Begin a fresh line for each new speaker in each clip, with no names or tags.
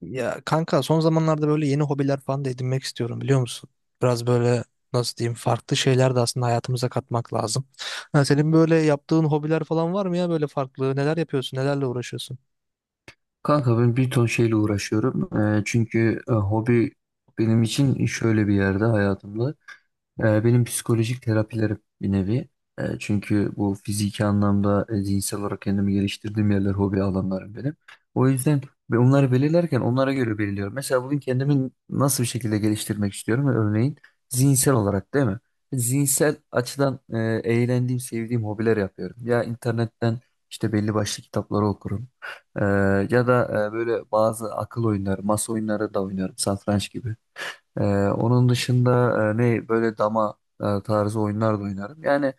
Ya kanka son zamanlarda böyle yeni hobiler falan da edinmek istiyorum biliyor musun? Biraz böyle, nasıl diyeyim, farklı şeyler de aslında hayatımıza katmak lazım. Ha, senin böyle yaptığın hobiler falan var mı ya böyle farklı? Neler yapıyorsun? Nelerle uğraşıyorsun?
Kanka ben bir ton şeyle uğraşıyorum. Çünkü hobi benim için şöyle bir yerde hayatımda. Benim psikolojik terapilerim bir nevi. Çünkü bu fiziki anlamda zihinsel olarak kendimi geliştirdiğim yerler hobi alanlarım benim. O yüzden ve onları belirlerken onlara göre belirliyorum. Mesela bugün kendimi nasıl bir şekilde geliştirmek istiyorum? Örneğin zihinsel olarak değil mi? Zihinsel açıdan eğlendiğim, sevdiğim hobiler yapıyorum. Ya internetten işte belli başlı kitapları okurum. Ee, Ya da böyle bazı akıl oyunları, masa oyunları da oynarım, satranç gibi. Ee, Onun dışında ne böyle dama tarzı oyunlar da oynarım. Yani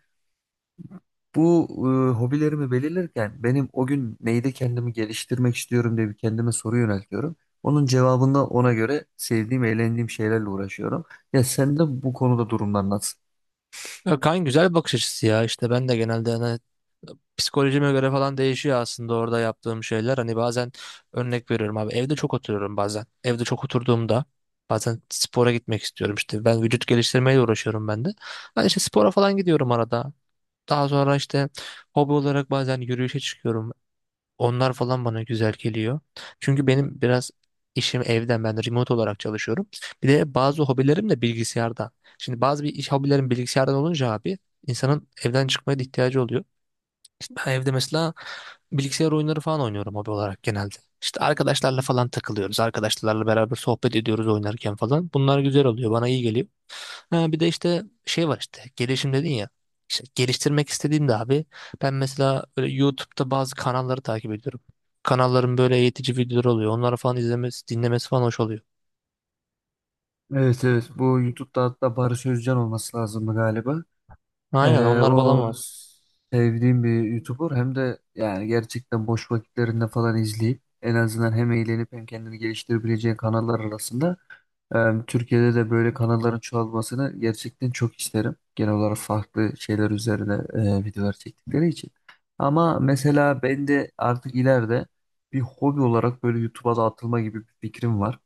bu hobilerimi belirlerken benim o gün neyde kendimi geliştirmek istiyorum diye bir kendime soru yöneltiyorum. Onun cevabında ona göre sevdiğim, eğlendiğim şeylerle uğraşıyorum. Ya sen de bu konuda durumlar nasıl?
Ya kan, güzel bir bakış açısı ya. İşte ben de genelde hani psikolojime göre falan değişiyor aslında orada yaptığım şeyler. Hani bazen örnek veriyorum abi, evde çok oturuyorum bazen. Evde çok oturduğumda bazen spora gitmek istiyorum işte. Ben vücut geliştirmeyle uğraşıyorum ben de. Ben işte spora falan gidiyorum arada. Daha sonra işte hobi olarak bazen yürüyüşe çıkıyorum. Onlar falan bana güzel geliyor. Çünkü benim biraz işim evden, ben de remote olarak çalışıyorum. Bir de bazı hobilerim de bilgisayardan. Şimdi bazı bir iş hobilerim bilgisayardan olunca abi, insanın evden çıkmaya da ihtiyacı oluyor. İşte ben evde mesela bilgisayar oyunları falan oynuyorum hobi olarak genelde. İşte arkadaşlarla falan takılıyoruz. Arkadaşlarla beraber sohbet ediyoruz oynarken falan. Bunlar güzel oluyor. Bana iyi geliyor. Ha, bir de işte şey var, işte gelişim dedin ya. İşte geliştirmek istediğimde abi, ben mesela böyle YouTube'da bazı kanalları takip ediyorum. Kanalların böyle eğitici videoları oluyor. Onları falan izlemesi, dinlemesi falan hoş oluyor.
Evet, evet, bu YouTube'da hatta Barış Özcan olması lazımdı galiba.
Aynen,
Ee,
onlar falan
o
var.
sevdiğim bir YouTuber hem de, yani gerçekten boş vakitlerinde falan izleyip en azından hem eğlenip hem kendini geliştirebileceğin kanallar arasında. Türkiye'de de böyle kanalların çoğalmasını gerçekten çok isterim. Genel olarak farklı şeyler üzerine videolar çektikleri için. Ama mesela ben de artık ileride bir hobi olarak böyle YouTube'a da atılma gibi bir fikrim var.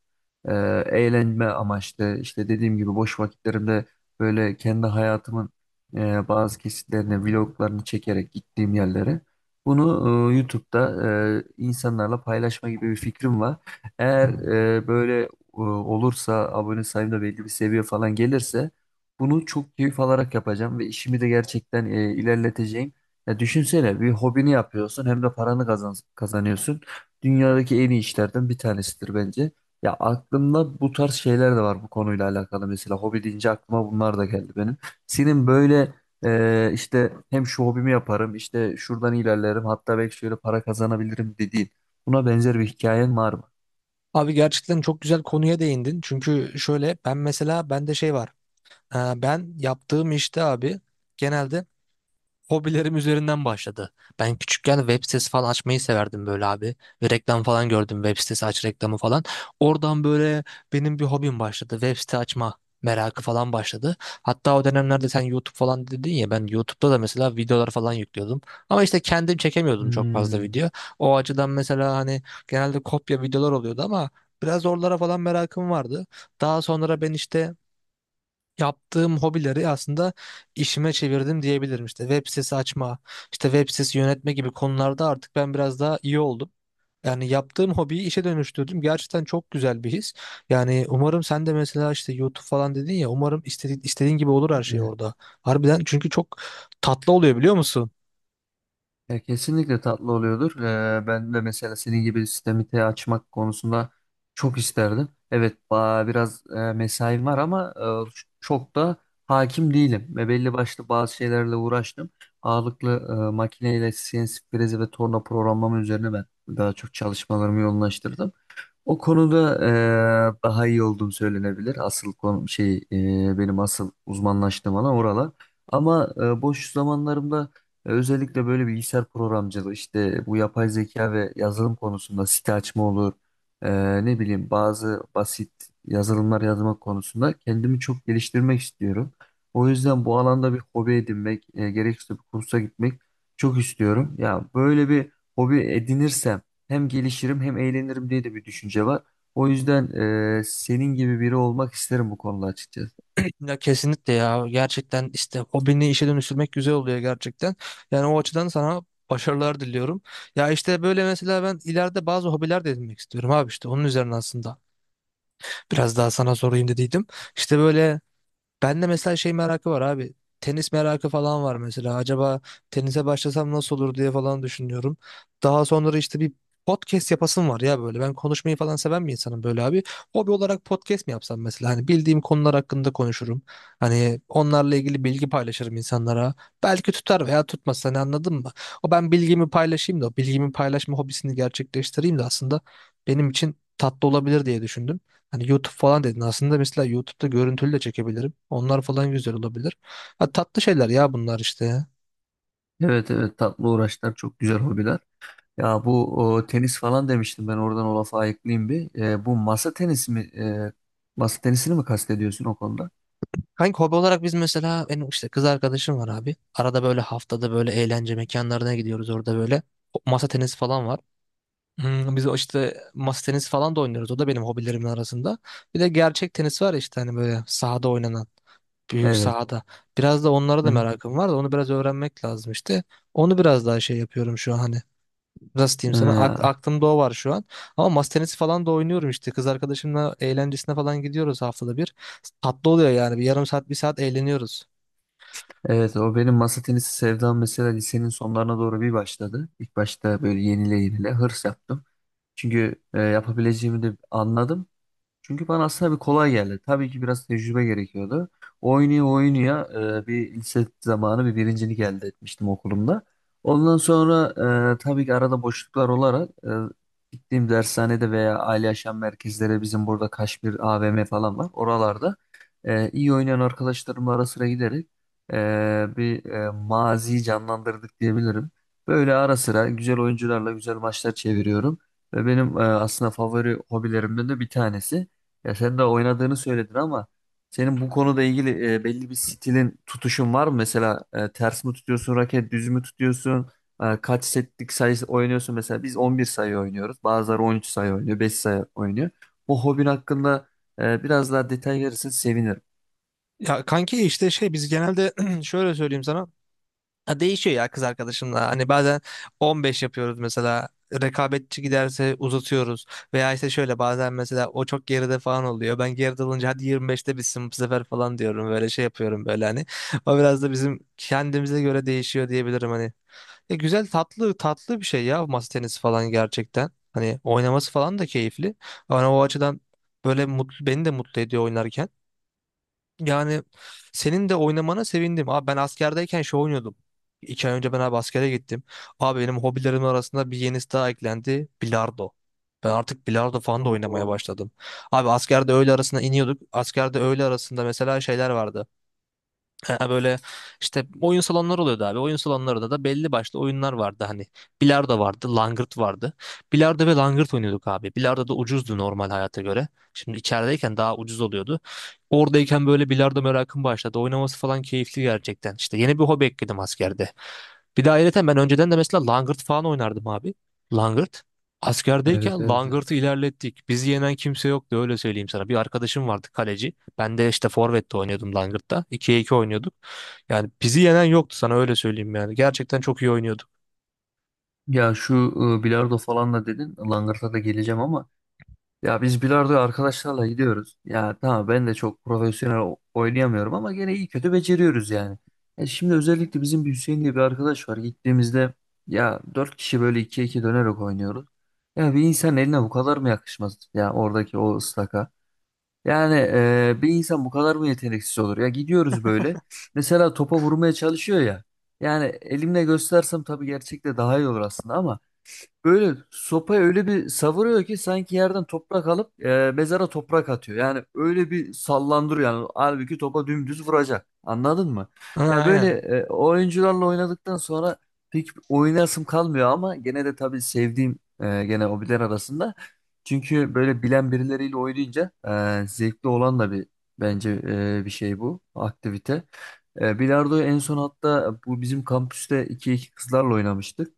E, Eğlenme amaçlı işte dediğim gibi boş vakitlerimde böyle kendi hayatımın bazı kesitlerini, vloglarını çekerek gittiğim yerlere bunu YouTube'da insanlarla paylaşma gibi bir fikrim var. Eğer böyle olursa abone sayım da belli bir seviye falan gelirse bunu çok keyif alarak yapacağım ve işimi de gerçekten ilerleteceğim. Ya düşünsene, bir hobini yapıyorsun hem de paranı kazanıyorsun. Dünyadaki en iyi işlerden bir tanesidir bence. Ya aklımda bu tarz şeyler de var bu konuyla alakalı. Mesela hobi deyince aklıma bunlar da geldi benim. Senin böyle işte hem şu hobimi yaparım işte şuradan ilerlerim hatta belki şöyle para kazanabilirim dediğin, buna benzer bir hikayen var mı?
Abi gerçekten çok güzel konuya değindin. Çünkü şöyle, ben mesela bende şey var. Ben yaptığım işte abi, genelde hobilerim üzerinden başladı. Ben küçükken web sitesi falan açmayı severdim böyle abi. Ve reklam falan gördüm, web sitesi aç reklamı falan. Oradan böyle benim bir hobim başladı. Web site açma merakı falan başladı. Hatta o dönemlerde sen YouTube falan dedin ya, ben YouTube'da da mesela videolar falan yüklüyordum. Ama işte kendim çekemiyordum çok fazla
Hmm.
video. O açıdan mesela hani genelde kopya videolar oluyordu ama biraz oralara falan merakım vardı. Daha sonra ben işte yaptığım hobileri aslında işime çevirdim diyebilirim. İşte web sitesi açma, işte web sitesi yönetme gibi konularda artık ben biraz daha iyi oldum. Yani yaptığım hobiyi işe dönüştürdüm. Gerçekten çok güzel bir his. Yani umarım sen de mesela işte YouTube falan dedin ya, umarım istediğin, istediğin gibi olur her şey orada. Harbiden, çünkü çok tatlı oluyor biliyor musun?
Ya kesinlikle tatlı oluyordur. Ben de mesela senin gibi sistemi açmak konusunda çok isterdim. Evet, biraz mesaim var ama çok da hakim değilim. Ve belli başlı bazı şeylerle uğraştım. Ağırlıklı makineyle CNC frezi ve torna programlama üzerine ben daha çok çalışmalarımı yoğunlaştırdım. O konuda daha iyi olduğum söylenebilir. Asıl konu şey, benim asıl uzmanlaştığım alan oralar. Ama boş zamanlarımda özellikle böyle bilgisayar programcılığı işte bu yapay zeka ve yazılım konusunda site açma olur. Ne bileyim, bazı basit yazılımlar yazmak konusunda kendimi çok geliştirmek istiyorum. O yüzden bu alanda bir hobi edinmek, gerekirse bir kursa gitmek çok istiyorum. Ya böyle bir hobi edinirsem hem gelişirim hem eğlenirim diye de bir düşünce var. O yüzden senin gibi biri olmak isterim bu konuda açıkçası.
Ya kesinlikle ya, gerçekten işte hobini işe dönüştürmek güzel oluyor gerçekten. Yani o açıdan sana başarılar diliyorum. Ya işte böyle mesela ben ileride bazı hobiler de edinmek istiyorum abi, işte onun üzerine aslında biraz daha sana sorayım dediydim. İşte böyle ben de mesela şey merakı var abi. Tenis merakı falan var mesela. Acaba tenise başlasam nasıl olur diye falan düşünüyorum. Daha sonra işte bir podcast yapasım var ya böyle. Ben konuşmayı falan seven bir insanım böyle abi. Hobi olarak podcast mi yapsam mesela? Hani bildiğim konular hakkında konuşurum. Hani onlarla ilgili bilgi paylaşırım insanlara. Belki tutar veya tutmaz. Hani anladın mı? O ben bilgimi paylaşayım da o bilgimi paylaşma hobisini gerçekleştireyim de aslında benim için tatlı olabilir diye düşündüm. Hani YouTube falan dedin. Aslında mesela YouTube'da görüntülü de çekebilirim. Onlar falan güzel olabilir. Ha, tatlı şeyler ya bunlar işte ya.
Evet, evet, tatlı uğraşlar çok güzel hobiler. Ya bu tenis falan demiştim ben, oradan o lafı ayıklayayım bir. Bu masa tenisi mi, e, masa tenisini mi kastediyorsun o konuda?
Kanka hobi olarak biz mesela, benim işte kız arkadaşım var abi. Arada böyle haftada böyle eğlence mekanlarına gidiyoruz, orada böyle masa tenisi falan var. Hmm, biz o işte masa tenisi falan da oynuyoruz. O da benim hobilerimin arasında. Bir de gerçek tenis var ya işte, hani böyle sahada oynanan. Büyük
Evet.
sahada. Biraz da onlara da
Hı.
merakım var da onu biraz öğrenmek lazım işte. Onu biraz daha şey yapıyorum şu an hani, nasıl diyeyim sana,
E,
aklımda o var şu an. Ama masa tenisi falan da oynuyorum işte. Kız arkadaşımla eğlencesine falan gidiyoruz haftada bir. Tatlı oluyor yani. Bir yarım saat bir saat eğleniyoruz.
evet, o benim masa tenisi sevdam. Mesela lisenin sonlarına doğru bir başladı. İlk başta böyle yenile yenile hırs yaptım. Çünkü yapabileceğimi de anladım. Çünkü bana aslında bir kolay geldi. Tabii ki biraz tecrübe gerekiyordu. Oynuyor oynuyor bir lise zamanı bir birincilik elde etmiştim okulumda. Ondan sonra tabii ki arada boşluklar olarak gittiğim dershanede veya aile yaşam merkezleri, bizim burada Kaşmir AVM falan var. Oralarda iyi oynayan arkadaşlarımla ara sıra giderek e, bir maziyi canlandırdık diyebilirim. Böyle ara sıra güzel oyuncularla güzel maçlar çeviriyorum. Ve benim aslında favori hobilerimden de bir tanesi. Ya sen de oynadığını söyledin ama senin bu konuda ilgili belli bir stilin, tutuşun var mı? Mesela ters mi tutuyorsun raket, düz mü tutuyorsun? Kaç setlik sayı oynuyorsun? Mesela biz 11 sayı oynuyoruz. Bazıları 13 sayı oynuyor, 5 sayı oynuyor. Bu hobin hakkında biraz daha detay verirsen sevinirim.
Ya kanki işte şey, biz genelde şöyle söyleyeyim sana. Ha, değişiyor ya kız arkadaşımla. Hani bazen 15 yapıyoruz mesela. Rekabetçi giderse uzatıyoruz. Veya işte şöyle bazen mesela o çok geride falan oluyor. Ben geride olunca hadi 25'te bitsin bu sefer falan diyorum. Böyle şey yapıyorum böyle hani. O biraz da bizim kendimize göre değişiyor diyebilirim hani. Güzel tatlı tatlı bir şey ya masa tenisi falan gerçekten. Hani oynaması falan da keyifli. Ama o açıdan böyle mutlu, beni de mutlu ediyor oynarken. Yani senin de oynamana sevindim. Abi ben askerdeyken şey oynuyordum. İki ay önce ben abi askere gittim. Abi benim hobilerim arasında bir yenisi daha eklendi. Bilardo. Ben artık bilardo falan da oynamaya
Oo,
başladım. Abi askerde öğle arasında iniyorduk. Askerde öğle arasında mesela şeyler vardı. Ha, böyle işte oyun salonları oluyordu abi. Oyun salonlarında da belli başlı oyunlar vardı hani. Bilardo vardı, langırt vardı. Bilardo ve langırt oynuyorduk abi. Bilardo da ucuzdu normal hayata göre. Şimdi içerideyken daha ucuz oluyordu. Oradayken böyle bilardo merakım başladı. Oynaması falan keyifli gerçekten. İşte yeni bir hobi ekledim askerde. Bir de ayrıca ben önceden de mesela langırt falan oynardım abi. Langırt.
evet, evet.
Askerdeyken
Evet.
Langırt'ı ilerlettik. Bizi yenen kimse yoktu öyle söyleyeyim sana. Bir arkadaşım vardı kaleci. Ben de işte forvette oynuyordum Langırt'ta. 2'ye 2 oynuyorduk. Yani bizi yenen yoktu sana öyle söyleyeyim yani. Gerçekten çok iyi oynuyorduk.
Ya şu bilardo falan da dedin. Langırta da geleceğim ama... Ya biz bilardoya arkadaşlarla gidiyoruz. Ya tamam, ben de çok profesyonel oynayamıyorum ama gene iyi kötü beceriyoruz yani. Şimdi özellikle bizim bir Hüseyin diye bir arkadaş var. Gittiğimizde ya dört kişi böyle ikiye iki dönerek oynuyoruz. Ya bir insan eline bu kadar mı yakışmaz ya, oradaki o ıslaka? Yani bir insan bu kadar mı yeteneksiz olur? Ya gidiyoruz böyle. Mesela topa vurmaya çalışıyor ya. Yani elimle göstersem tabii gerçekte daha iyi olur aslında ama... Böyle sopayı öyle bir savuruyor ki sanki yerden toprak alıp mezara toprak atıyor. Yani öyle bir sallandırıyor yani. Halbuki topa dümdüz vuracak. Anladın mı?
Ha,
Ya böyle
aynen.
oyuncularla oynadıktan sonra pek oynasım kalmıyor ama gene de tabii sevdiğim gene hobiler arasında. Çünkü böyle bilen birileriyle oynayınca zevkli olan da bir bence bir şey bu aktivite. Bilardoyu en son hatta bu bizim kampüste iki iki kızlarla oynamıştık.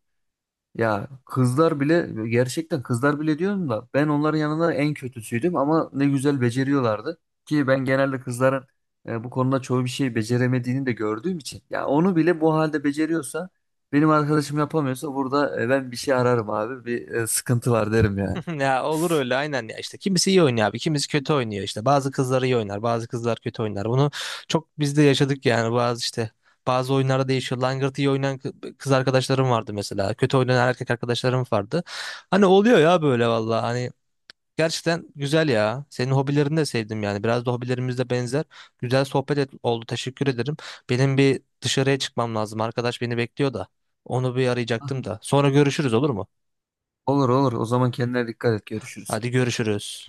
Ya kızlar bile, gerçekten kızlar bile diyorum da, ben onların yanında en kötüsüydüm ama ne güzel beceriyorlardı. Ki ben genelde kızların bu konuda çoğu bir şey beceremediğini de gördüğüm için, ya onu bile bu halde beceriyorsa benim arkadaşım yapamıyorsa burada, ben bir şey ararım abi, bir sıkıntı var derim yani.
Ya olur öyle aynen ya, işte kimisi iyi oynuyor abi kimisi kötü oynuyor, işte bazı kızlar iyi oynar bazı kızlar kötü oynar, bunu çok biz de yaşadık yani. Bazı oyunlarda değişiyor, langırt iyi oynayan kız arkadaşlarım vardı mesela, kötü oynayan erkek arkadaşlarım vardı, hani oluyor ya böyle. Valla hani gerçekten güzel ya, senin hobilerini de sevdim yani, biraz da hobilerimiz de benzer. Güzel oldu, teşekkür ederim. Benim bir dışarıya çıkmam lazım, arkadaş beni bekliyor da onu bir arayacaktım da, sonra görüşürüz olur mu?
Olur, olur, o zaman kendine dikkat et, görüşürüz.
Hadi görüşürüz.